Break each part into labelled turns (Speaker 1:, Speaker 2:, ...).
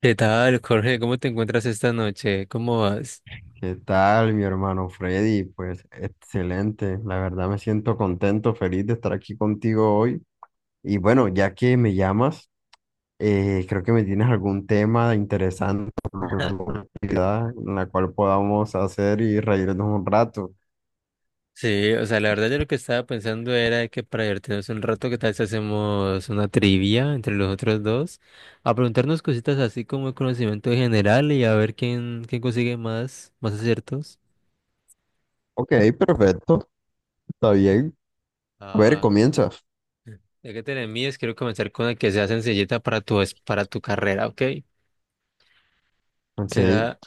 Speaker 1: ¿Qué tal, Jorge? ¿Cómo te encuentras esta noche? ¿Cómo vas?
Speaker 2: ¿Qué tal, mi hermano Freddy? Pues excelente, la verdad me siento contento, feliz de estar aquí contigo hoy. Y bueno, ya que me llamas, creo que me tienes algún tema interesante, alguna actividad en la cual podamos hacer y reírnos un rato.
Speaker 1: Sí, o sea, la verdad yo lo que estaba pensando era que para divertirnos un rato, ¿qué tal si hacemos una trivia entre los otros dos? A preguntarnos cositas así como el conocimiento general y a ver quién, quién consigue más, más aciertos.
Speaker 2: Ok, perfecto, está bien. A ver,
Speaker 1: Ah,
Speaker 2: comienza.
Speaker 1: ya que te la mides, quiero comenzar con la que sea sencillita para tu, para tu carrera, ¿ok?
Speaker 2: Ok,
Speaker 1: Será,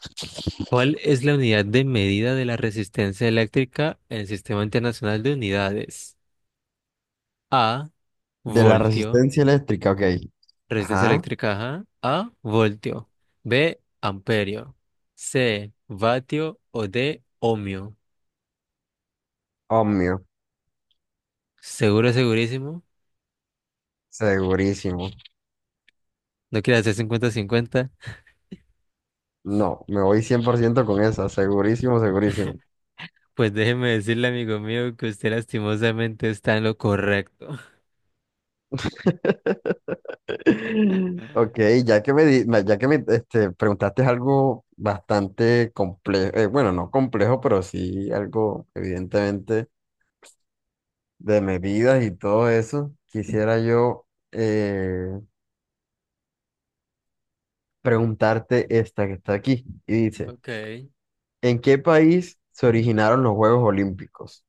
Speaker 1: ¿cuál es la unidad de medida de la resistencia eléctrica en el Sistema Internacional de Unidades? A,
Speaker 2: de la
Speaker 1: voltio,
Speaker 2: resistencia eléctrica, ok.
Speaker 1: resistencia
Speaker 2: Ajá,
Speaker 1: eléctrica, ajá. A, voltio. B, amperio. C, vatio o D, ohmio.
Speaker 2: obvio,
Speaker 1: Seguro, segurísimo.
Speaker 2: segurísimo.
Speaker 1: No quiere hacer cincuenta cincuenta.
Speaker 2: No, me voy 100% con esa, segurísimo, segurísimo.
Speaker 1: Pues déjeme decirle, amigo mío, que usted lastimosamente está en lo correcto.
Speaker 2: Ok, ya que me preguntaste algo bastante complejo, bueno, no complejo, pero sí algo evidentemente de medidas y todo eso, quisiera yo eh, preguntarte esta que está aquí y dice,
Speaker 1: Ok.
Speaker 2: ¿en qué país se originaron los Juegos Olímpicos?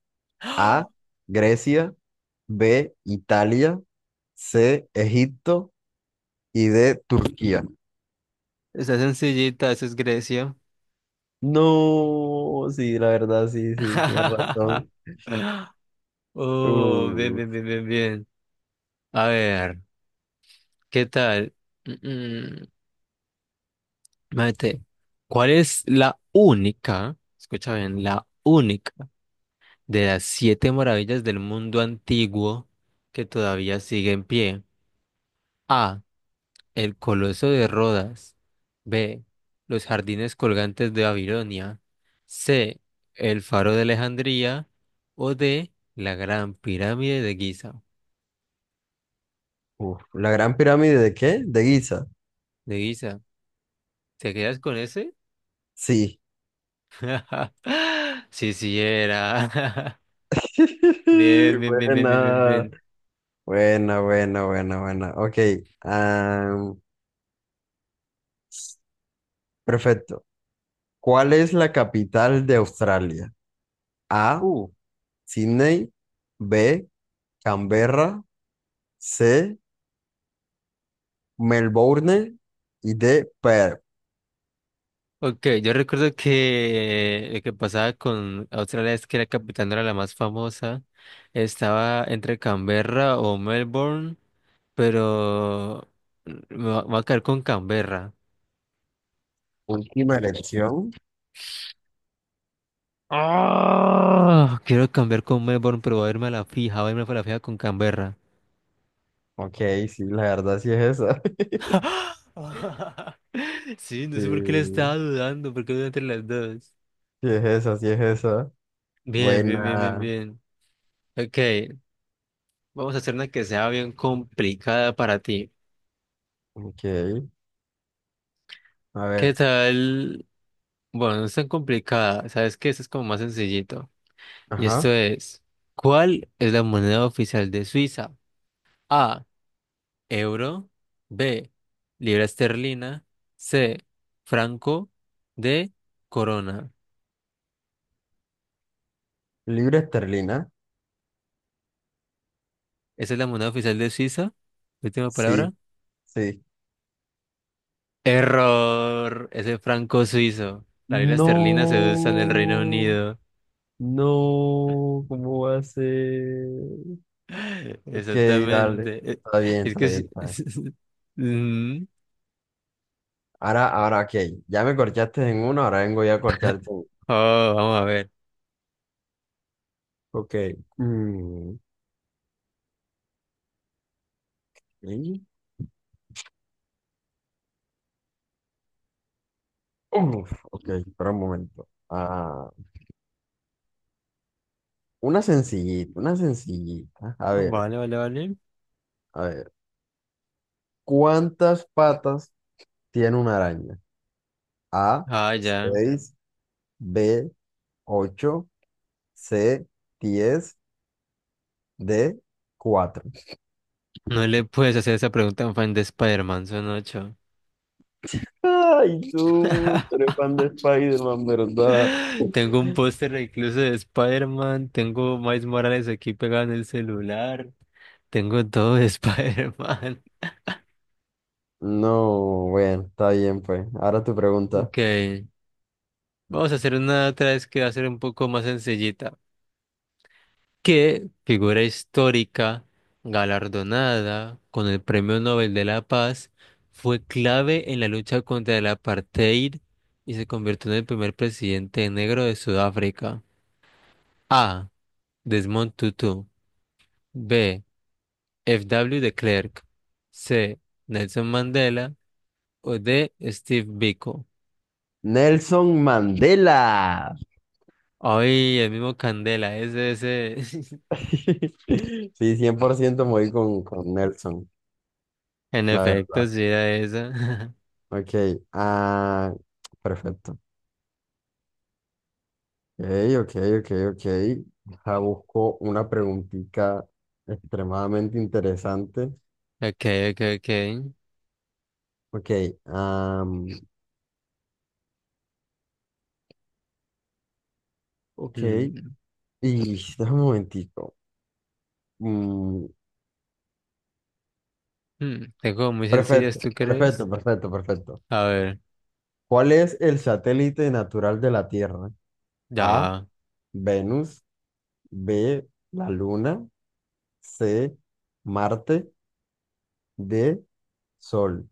Speaker 2: A,
Speaker 1: ¡Ah!
Speaker 2: Grecia. B, Italia. C, Egipto. Y D, Turquía.
Speaker 1: Está sencillita, eso es Grecia.
Speaker 2: No, sí, la verdad, sí, sí, tienes razón.
Speaker 1: Oh, bien,
Speaker 2: Uh,
Speaker 1: bien, bien, bien, bien. A ver, ¿qué tal? Mate, ¿cuál es la única, escucha bien, la única de las siete maravillas del mundo antiguo que todavía sigue en pie? A, El Coloso de Rodas. B, Los jardines colgantes de Babilonia. C, El Faro de Alejandría. O D, La Gran Pirámide de Giza.
Speaker 2: ¿La gran pirámide de qué? ¿De Giza?
Speaker 1: De Giza. ¿Te quedas con ese?
Speaker 2: Sí.
Speaker 1: Sí, sí era. Bien, bien, bien, bien, bien, bien,
Speaker 2: Buena,
Speaker 1: bien.
Speaker 2: buena, buena, buena, buena. Ok. am, Perfecto. ¿Cuál es la capital de Australia? A,
Speaker 1: Uh,
Speaker 2: Sydney. B, Canberra. C, Melbourne. Y D, Perth.
Speaker 1: Ok, yo recuerdo que lo que pasaba con Australia es que la capital no era la más famosa. Estaba entre Canberra o Melbourne, pero me voy a caer con Canberra.
Speaker 2: Última elección.
Speaker 1: ¡Ah! Quiero cambiar con Melbourne, pero voy a irme a la fija, voy a irme a la fija con Canberra.
Speaker 2: Ok, sí, la verdad sí es esa.
Speaker 1: Sí, no sé por qué le
Speaker 2: Sí,
Speaker 1: estaba dudando, porque dudé entre las dos.
Speaker 2: sí es esa, sí es esa.
Speaker 1: Bien, bien, bien, bien,
Speaker 2: Buena.
Speaker 1: bien. Ok, vamos a hacer una que sea bien complicada para ti.
Speaker 2: Ok. A
Speaker 1: ¿Qué
Speaker 2: ver.
Speaker 1: tal? Bueno, no es tan complicada. ¿Sabes qué? Esto es como más sencillito. Y esto
Speaker 2: Ajá.
Speaker 1: es, ¿cuál es la moneda oficial de Suiza? A, euro, B, libra esterlina, C, franco, D, corona.
Speaker 2: Libra esterlina.
Speaker 1: ¿Esa es la moneda oficial de Suiza? Última palabra.
Speaker 2: Sí, sí.
Speaker 1: Error. Es el franco suizo. La libra esterlina se usa en el Reino
Speaker 2: No,
Speaker 1: Unido.
Speaker 2: no, ¿cómo va a ser? Ok,
Speaker 1: Exactamente.
Speaker 2: dale. Está bien,
Speaker 1: Es
Speaker 2: está
Speaker 1: que
Speaker 2: bien,
Speaker 1: sí.
Speaker 2: está bien.
Speaker 1: Ujú.
Speaker 2: Ahora, ahora, ok. Ya me corchaste en uno, ahora vengo yo a corcharte en uno.
Speaker 1: Oh, vamos a ver.
Speaker 2: Ok. Mm, ¿Y? Uf, ok, espera un momento. Ah, una sencillita, una sencillita. A ver,
Speaker 1: Vale, vale, vale.
Speaker 2: a ver. ¿Cuántas patas tiene una araña? A,
Speaker 1: Ah, ya.
Speaker 2: seis. B, 8. C, diez. D, cuatro.
Speaker 1: No le puedes hacer esa pregunta a un fan de Spider-Man, son ocho.
Speaker 2: Ay, tú eres fan de Spider-Man, ¿verdad?
Speaker 1: Tengo un póster incluso de Spider-Man. Tengo Miles Morales aquí pegado en el celular. Tengo todo de Spider-Man.
Speaker 2: No, bueno, está bien, pues. Ahora tu pregunta.
Speaker 1: Ok. Vamos a hacer una otra vez que va a ser un poco más sencillita. Que figura histórica, galardonada con el Premio Nobel de la Paz, fue clave en la lucha contra el apartheid y se convirtió en el primer presidente negro de Sudáfrica. A, Desmond Tutu. B, F W de Klerk. C, Nelson Mandela. O D, Steve Biko.
Speaker 2: Nelson Mandela.
Speaker 1: Ay, el mismo Candela, ese, ese.
Speaker 2: Sí, 100% me voy con Nelson,
Speaker 1: En
Speaker 2: la verdad.
Speaker 1: efecto, sí era esa.
Speaker 2: Ok, ah, perfecto. Ok, ok, ok, ok. Ya busco una preguntita extremadamente interesante.
Speaker 1: Ok, ok, ok.
Speaker 2: Ok, am, ok.
Speaker 1: Mm.
Speaker 2: Y déjame un momentico. Mm,
Speaker 1: Mm, tengo muy sencillas,
Speaker 2: perfecto,
Speaker 1: ¿tú
Speaker 2: perfecto,
Speaker 1: crees?
Speaker 2: perfecto, perfecto.
Speaker 1: A ver,
Speaker 2: ¿Cuál es el satélite natural de la Tierra? A,
Speaker 1: ya.
Speaker 2: Venus. B, la Luna. C, Marte. D, Sol.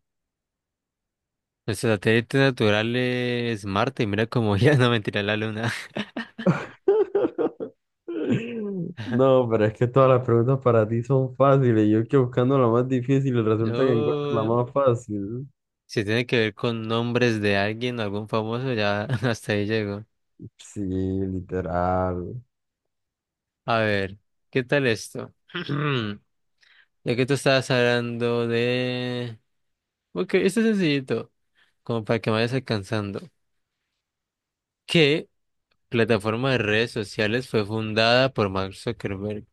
Speaker 1: Nuestro satélite natural es Marte y mira cómo ya no, mentira, la luna.
Speaker 2: No, pero es que todas las preguntas para ti son fáciles. Yo que buscando la más difícil y resulta que encuentro la
Speaker 1: No,
Speaker 2: más fácil.
Speaker 1: si tiene que ver con nombres de alguien, algún famoso, ya hasta ahí llego.
Speaker 2: Sí, literal.
Speaker 1: A ver, ¿qué tal esto? Ya que tú estabas hablando de... Ok, esto es sencillito, como para que me vayas alcanzando. ¿Qué plataforma de redes sociales fue fundada por Mark Zuckerberg?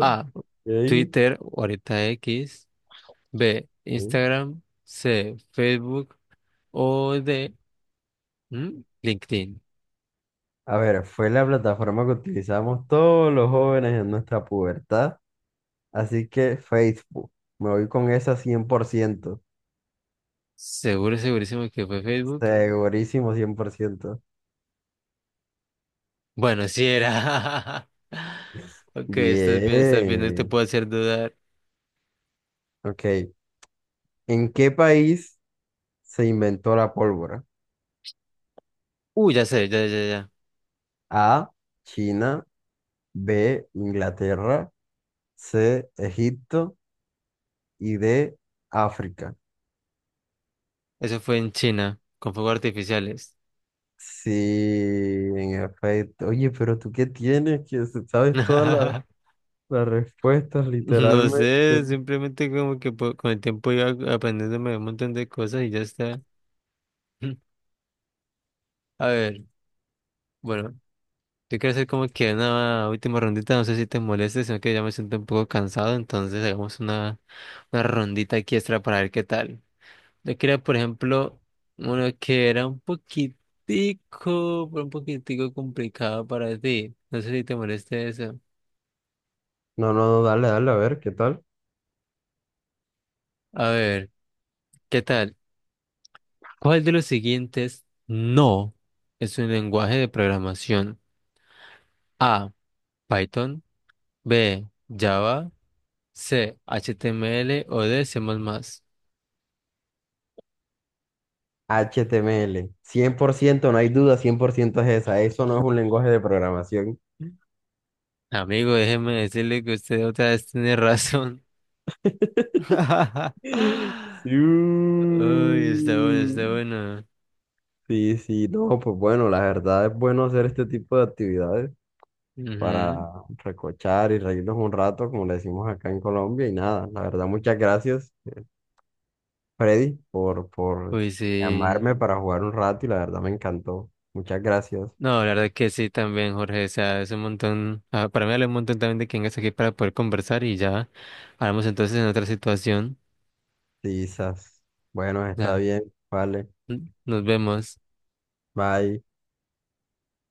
Speaker 1: A,
Speaker 2: Ok,
Speaker 1: Twitter, o ahorita X. B,
Speaker 2: ok.
Speaker 1: Instagram. C, Facebook. O D, ¿mm? LinkedIn.
Speaker 2: A ver, fue la plataforma que utilizamos todos los jóvenes en nuestra pubertad, así que Facebook. Me voy con esa cien por ciento,
Speaker 1: Seguro, segurísimo que fue Facebook.
Speaker 2: segurísimo 100%.
Speaker 1: Bueno, sí era. Ok, estás bien, no te
Speaker 2: Bien,
Speaker 1: puedo hacer dudar.
Speaker 2: ok. ¿En qué país se inventó la pólvora?
Speaker 1: Ya sé, ya, ya, ya.
Speaker 2: A, China. B, Inglaterra. C, Egipto. Y D, África.
Speaker 1: Eso fue en China, con fuegos artificiales.
Speaker 2: Sí, en efecto. Oye, pero tú qué tienes, que sabes todas. La respuesta es
Speaker 1: No
Speaker 2: literalmente.
Speaker 1: sé, simplemente como que con el tiempo iba aprendiéndome un montón de cosas y ya está. A ver, bueno. Yo quiero hacer como que una última rondita, no sé si te moleste, sino que ya me siento un poco cansado, entonces hagamos una, rondita aquí extra para ver qué tal. Yo quería, por ejemplo, uno que era un poquitico, pero un poquitico complicado para ti. No sé si te moleste eso.
Speaker 2: No, no, no, dale, dale, a ver, ¿qué tal?
Speaker 1: A ver, ¿qué tal? ¿Cuál de los siguientes no es un lenguaje de programación? A, Python, B, Java, C, HTML o D, C++.
Speaker 2: HTML. Ciento no hay duda, 100% es esa. Eso no es un lenguaje de programación.
Speaker 1: Amigo, déjeme decirle que usted otra vez tiene razón. Uy,
Speaker 2: Sí,
Speaker 1: está bueno, está bueno.
Speaker 2: sí, sí, no, pues bueno, la verdad es bueno hacer este tipo de actividades para
Speaker 1: Ujú.
Speaker 2: recochar y reírnos un rato, como le decimos acá en Colombia, y nada, la verdad, muchas gracias, Freddy, por
Speaker 1: Uy, sí.
Speaker 2: llamarme para jugar un rato y la verdad me encantó. Muchas gracias.
Speaker 1: No, la verdad que sí también, Jorge. O sea, es un montón. Para mí vale un montón también de que vengas aquí para poder conversar y ya hablamos entonces en otra situación.
Speaker 2: Quizás. Bueno, está
Speaker 1: Ya.
Speaker 2: bien. Vale.
Speaker 1: Nos vemos.
Speaker 2: Bye.